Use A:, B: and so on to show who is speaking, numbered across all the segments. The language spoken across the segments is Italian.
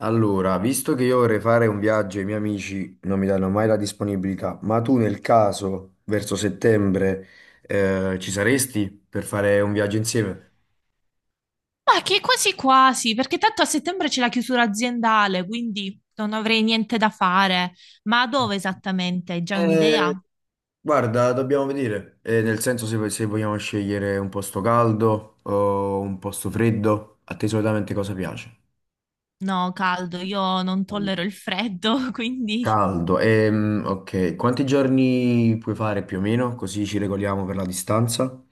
A: Allora, visto che io vorrei fare un viaggio e i miei amici non mi danno mai la disponibilità, ma tu nel caso, verso settembre, ci saresti per fare un viaggio insieme?
B: Ma che quasi quasi, perché tanto a settembre c'è la chiusura aziendale, quindi non avrei niente da fare. Ma dove esattamente? Hai già
A: Eh,
B: un'idea?
A: guarda, dobbiamo vedere. Nel senso se vogliamo scegliere un posto caldo o un posto freddo, a te solitamente cosa piace?
B: No, caldo, io non tollero il freddo, quindi...
A: Caldo, ok, quanti giorni puoi fare più o meno, così ci regoliamo per la distanza?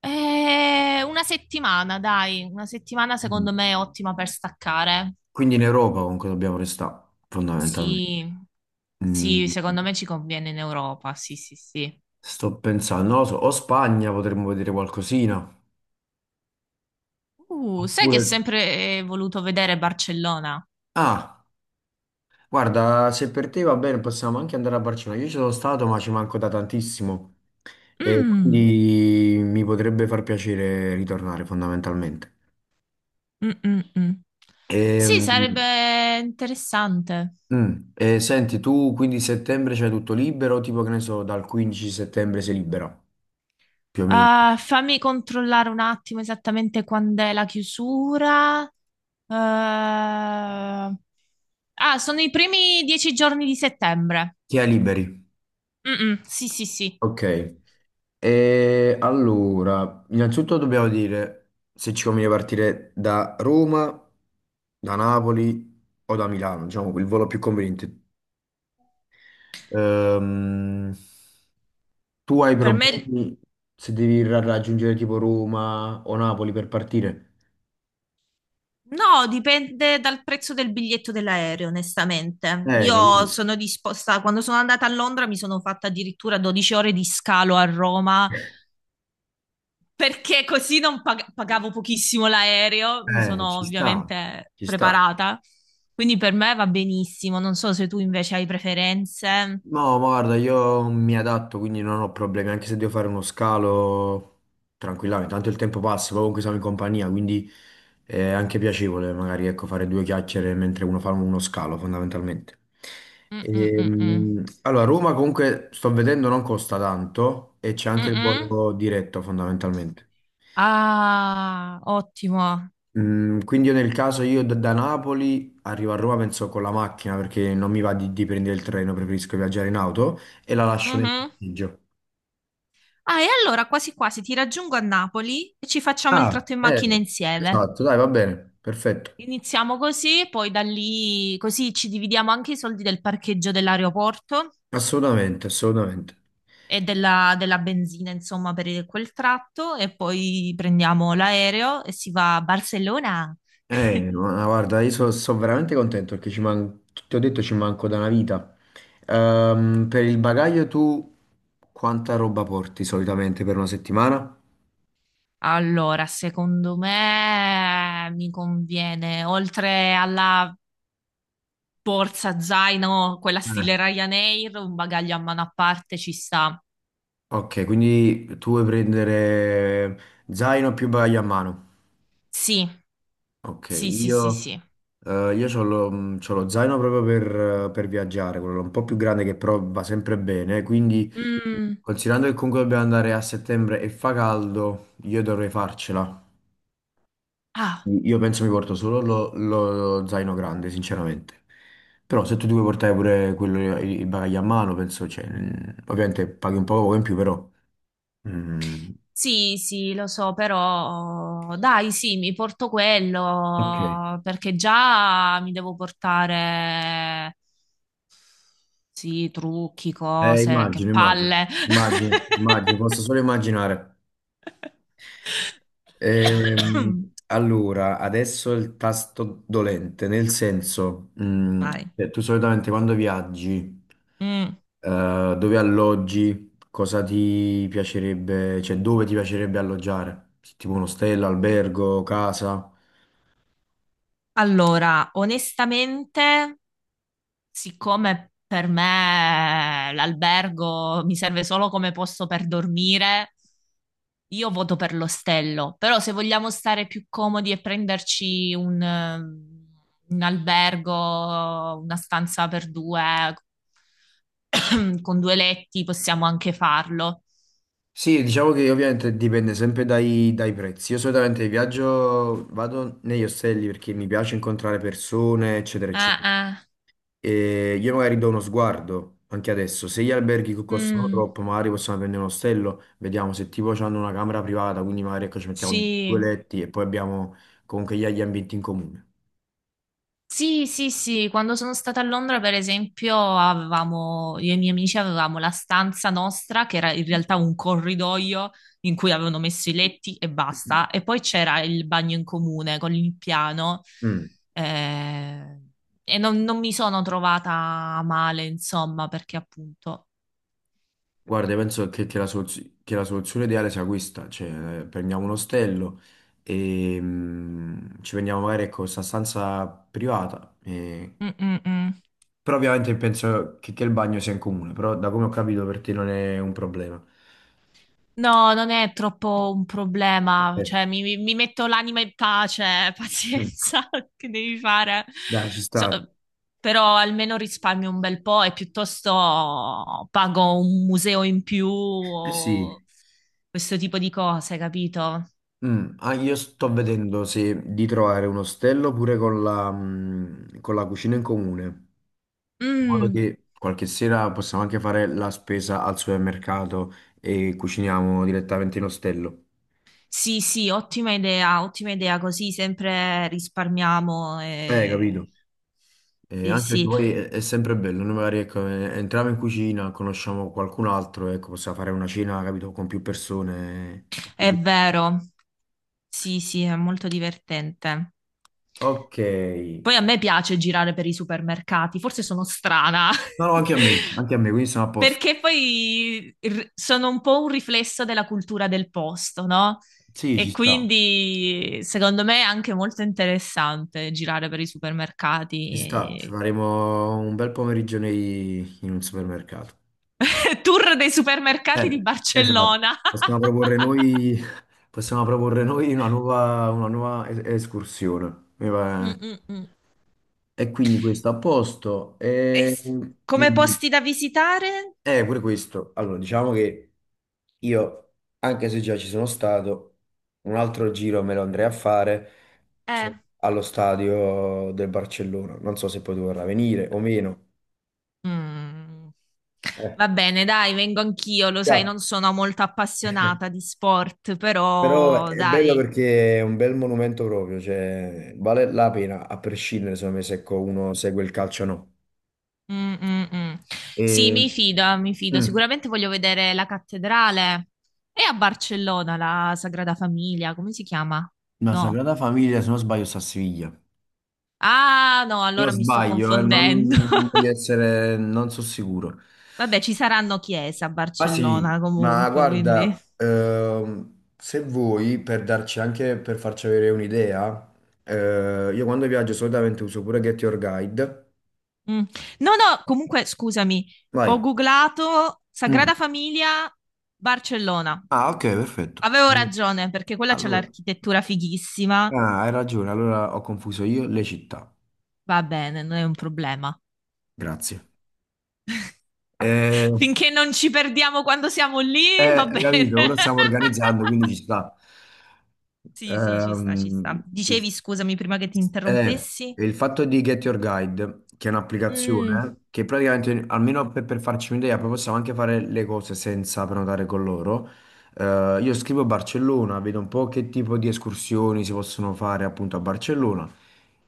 B: Una settimana, dai, una settimana secondo me è ottima per staccare.
A: Quindi in Europa comunque dobbiamo restare, fondamentalmente.
B: Sì,
A: Mm,
B: sì, secondo me ci conviene in Europa, sì, sì, sì.
A: sto pensando, non lo so, o Spagna potremmo vedere qualcosina.
B: Sai che ho
A: Oppure...
B: sempre voluto vedere Barcellona?
A: Ah, guarda, se per te va bene possiamo anche andare a Barcellona. Io ci sono stato, ma ci manco da tantissimo. E
B: Mm.
A: quindi mi potrebbe far piacere ritornare fondamentalmente.
B: Mm, mm, mm. Sì,
A: Ehm,
B: sarebbe interessante.
A: senti, tu quindi settembre c'hai tutto libero? Tipo che ne so, dal 15 settembre sei libera, più o meno.
B: Ah, fammi controllare un attimo esattamente quando è la chiusura. Eh, Ah, sono i primi 10 giorni di settembre.
A: Chi è liberi?
B: Mm, mm, sì, sì, sì.
A: Ok. E allora, innanzitutto dobbiamo dire se ci conviene partire da Roma, da Napoli o da Milano, diciamo il volo più conveniente. Ehm, tu hai
B: Per me...
A: problemi se devi raggiungere tipo Roma o Napoli per partire?
B: No, dipende dal prezzo del biglietto dell'aereo, onestamente. Io
A: Capito?
B: sono disposta, quando sono andata a Londra mi sono fatta addirittura 12 ore di scalo a Roma perché così non pagavo pochissimo l'aereo, mi sono
A: Ci sta,
B: ovviamente
A: ci sta.
B: preparata, quindi per me va benissimo. Non so se tu invece hai preferenze.
A: No, ma guarda, io mi adatto, quindi non ho problemi, anche se devo fare uno scalo tranquillamente, tanto il tempo passa, poi comunque siamo in compagnia, quindi è anche piacevole magari ecco, fare due chiacchiere mentre uno fa uno scalo fondamentalmente.
B: Mm-mm-mm-mm.
A: Allora, Roma comunque sto vedendo non costa tanto e c'è anche il
B: Mm-mm.
A: volo diretto fondamentalmente.
B: Ah, ottimo.
A: Mm, quindi io nel caso io da Napoli arrivo a Roma penso con la macchina perché non mi va di prendere il treno, preferisco viaggiare in auto e la lascio nel
B: Mhm.
A: parcheggio.
B: Ah, e allora quasi quasi ti raggiungo a Napoli e ci facciamo il
A: Ah,
B: tratto in macchina insieme.
A: Esatto, dai, va bene, perfetto.
B: Iniziamo così, poi da lì, così ci dividiamo anche i soldi del parcheggio dell'aeroporto
A: Assolutamente, assolutamente.
B: e della benzina, insomma, per quel tratto e poi prendiamo l'aereo e si va a Barcellona.
A: Ma guarda, io sono veramente contento perché ti ho detto ci manco da una vita. Per il bagaglio tu quanta roba porti solitamente per una settimana?
B: Allora, secondo me mi conviene, oltre alla borsa zaino, quella
A: eh,
B: stile Ryanair, un bagaglio a mano a parte ci sta.
A: Ok, quindi tu vuoi prendere zaino più bagaglio a mano.
B: Sì,
A: Ok,
B: sì, sì, sì, sì.
A: io c'ho lo zaino proprio per viaggiare, quello un po' più grande che però va sempre bene, quindi...
B: Mm,
A: Considerando che comunque dobbiamo andare a settembre e fa caldo, io dovrei farcela.
B: ah,
A: Io penso mi porto solo lo zaino grande, sinceramente. Però se tu ti vuoi portare pure quello, il bagaglio a mano, penso, cioè, ovviamente paghi un po' poco in più, però... mm,
B: sì, sì, lo so, però dai, sì, mi porto
A: ok,
B: quello perché già mi devo portare. Sì, trucchi,
A: eh,
B: cose, che
A: immagino, immagino,
B: palle.
A: immagino, posso solo immaginare. Allora, adesso il tasto dolente, nel senso,
B: Vai.
A: cioè, tu solitamente quando viaggi...
B: Mm.
A: Dove alloggi? Cosa ti piacerebbe, cioè dove ti piacerebbe alloggiare? Tipo un ostello, albergo, casa?
B: Allora, onestamente, siccome per me l'albergo mi serve solo come posto per dormire, io voto per l'ostello. Però se vogliamo stare più comodi e prenderci un albergo, una stanza per due, con due letti, possiamo anche farlo.
A: Sì, diciamo che ovviamente dipende sempre dai prezzi. Io solitamente viaggio, vado negli ostelli perché mi piace incontrare persone, eccetera,
B: Ah,
A: eccetera.
B: ah,
A: E io magari do uno sguardo anche adesso. Se gli alberghi costano
B: mm,
A: troppo, magari possiamo prendere un ostello, vediamo se tipo hanno una camera privata, quindi magari ecco, ci mettiamo due
B: sì.
A: letti e poi abbiamo comunque gli ambienti in comune.
B: Sì, sì, sì, quando sono stata a Londra, per esempio, avevamo, io e i miei amici avevamo la stanza nostra, che era in realtà un corridoio in cui avevano messo i letti e basta, e poi c'era il bagno in comune con il piano,
A: Mm.
B: eh, e non mi sono trovata male, insomma, perché appunto...
A: Guarda, io penso che la soluzione ideale sia questa, cioè prendiamo un ostello e ci prendiamo magari ecco, questa stanza privata,
B: Mm, mm, mm.
A: però ovviamente penso che il bagno sia in comune, però da come ho capito per te non è un problema.
B: No, non è troppo un
A: Ok.
B: problema, cioè mi metto l'anima in pace, pazienza, che devi fare?
A: Dai, ci
B: So-
A: sta.
B: però almeno risparmio un bel po' e piuttosto pago un museo in più
A: Eh sì.
B: o questo tipo di cose, capito?
A: Mm, ah, io sto vedendo se di trovare un ostello pure con con la cucina in comune, in modo
B: Mm,
A: che qualche sera possiamo anche fare la spesa al supermercato e cuciniamo direttamente in ostello.
B: sì, sì, ottima idea, così sempre risparmiamo. e-
A: Capito?
B: Sì,
A: Anche perché
B: sì,
A: poi è sempre bello, noi magari ecco, entriamo in cucina, conosciamo qualcun altro, ecco, possiamo fare una cena, capito, con più persone. E
B: è
A: quindi-
B: vero, sì, sì, è molto divertente.
A: Ok.
B: Poi a me piace girare per i supermercati, forse sono strana,
A: No, no, anche a me, quindi sono a posto.
B: perché poi sono un po' un riflesso della cultura del posto, no?
A: Sì, ci
B: E
A: sta,
B: quindi secondo me è anche molto interessante girare per i
A: ci
B: supermercati.
A: sta, ci
B: e-
A: faremo un bel pomeriggio in un supermercato.
B: Tour dei supermercati di
A: Eh, esatto,
B: Barcellona.
A: possiamo proporre noi, possiamo proporre noi una nuova escursione. Mi
B: Mm,
A: pare.
B: mm, mm.
A: E quindi questo a posto.
B: E
A: E...
B: s- Come
A: dimmi.
B: posti da visitare?
A: Pure questo. Allora, diciamo che io, anche se già ci sono stato, un altro giro me lo andrei a fare, cioè,
B: Eh.
A: allo stadio del Barcellona. Non so se poi tu vorrà venire o meno.
B: Mm.
A: Eh,
B: Va bene, dai, vengo anch'io, lo sai,
A: yeah.
B: non sono molto appassionata di sport,
A: Però
B: però
A: è bello
B: dai.
A: perché è un bel monumento proprio, cioè vale la pena a prescindere secondo me se ecco, uno segue il calcio o no.
B: Mm, mm, mm. Sì,
A: E,
B: mi fido, mi fido.
A: mm,
B: Sicuramente voglio vedere la cattedrale. È a Barcellona la Sagrada Famiglia, come si chiama?
A: La
B: No.
A: Sagrada Famiglia, se non sbaglio, sta a Siviglia. Se
B: Ah, no,
A: non
B: allora mi sto
A: sbaglio,
B: confondendo.
A: non voglio essere, non sono sicuro.
B: Vabbè, ci saranno chiese a
A: Ma sì,
B: Barcellona
A: ma
B: comunque, quindi.
A: guarda, se vuoi, per darci anche, per farci avere un'idea, io quando viaggio solitamente uso pure Get Your Guide.
B: Mm. No, no, comunque scusami,
A: Vai.
B: ho googlato
A: Mm.
B: Sagrada Famiglia Barcellona.
A: Ah, ok, perfetto.
B: Avevo
A: Allora,
B: ragione perché quella c'è
A: Allora,
B: l'architettura fighissima.
A: ah, hai ragione, allora ho confuso io le città.
B: Va bene, non è un problema.
A: Grazie. Eh,
B: Finché non ci perdiamo quando siamo lì,
A: eh,
B: va
A: hai
B: bene.
A: capito? Ora stiamo organizzando, quindi ci sta.
B: Sì, sì, ci sta, ci sta.
A: Ehm,
B: Dicevi, scusami, prima che ti
A: Eh,
B: interrompessi?
A: il fatto di Get Your Guide, che è
B: Mm.
A: un'applicazione che praticamente, almeno per farci un'idea, poi possiamo anche fare le cose senza prenotare con loro. Io scrivo Barcellona, vedo un po' che tipo di escursioni si possono fare appunto a Barcellona,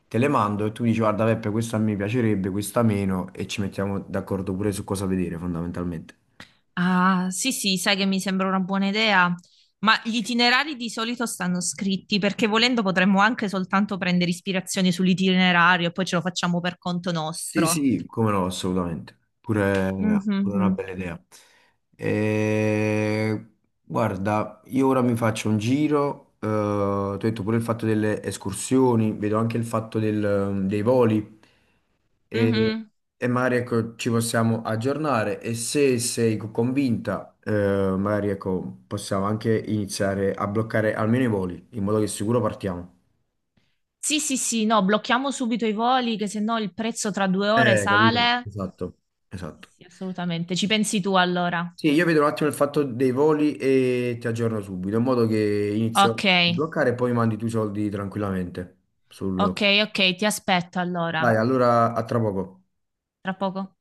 A: te le mando e tu dici guarda Peppe, questa mi piacerebbe, questa meno e ci mettiamo d'accordo pure su cosa vedere fondamentalmente.
B: Ah, sì, sì, sai che mi sembra una buona idea, ma gli itinerari di solito stanno scritti perché volendo potremmo anche soltanto prendere ispirazione sull'itinerario e poi ce lo facciamo per conto
A: Sì,
B: nostro.
A: sì, come no, assolutamente. Pure, pure una
B: Mhm,
A: bella idea. E, guarda, io ora mi faccio un giro, ti ho detto pure il fatto delle escursioni, vedo anche il fatto dei voli e,
B: mhm.
A: e magari ecco, ci possiamo aggiornare e se sei convinta, magari ecco, possiamo anche iniziare a bloccare almeno i voli, in modo che sicuro partiamo.
B: Sì, sì, sì, no, blocchiamo subito i voli che se no il prezzo tra 2 ore
A: Capito?
B: sale.
A: Esatto,
B: Sì,
A: esatto.
B: sì, assolutamente. Ci pensi tu allora?
A: Sì, io vedo un attimo il fatto dei voli e ti aggiorno subito, in modo che inizio
B: Ok,
A: a bloccare e poi mandi tu i soldi tranquillamente.
B: ok,
A: Sul-
B: ok, ti aspetto allora.
A: Dai, allora a tra poco.
B: Tra poco.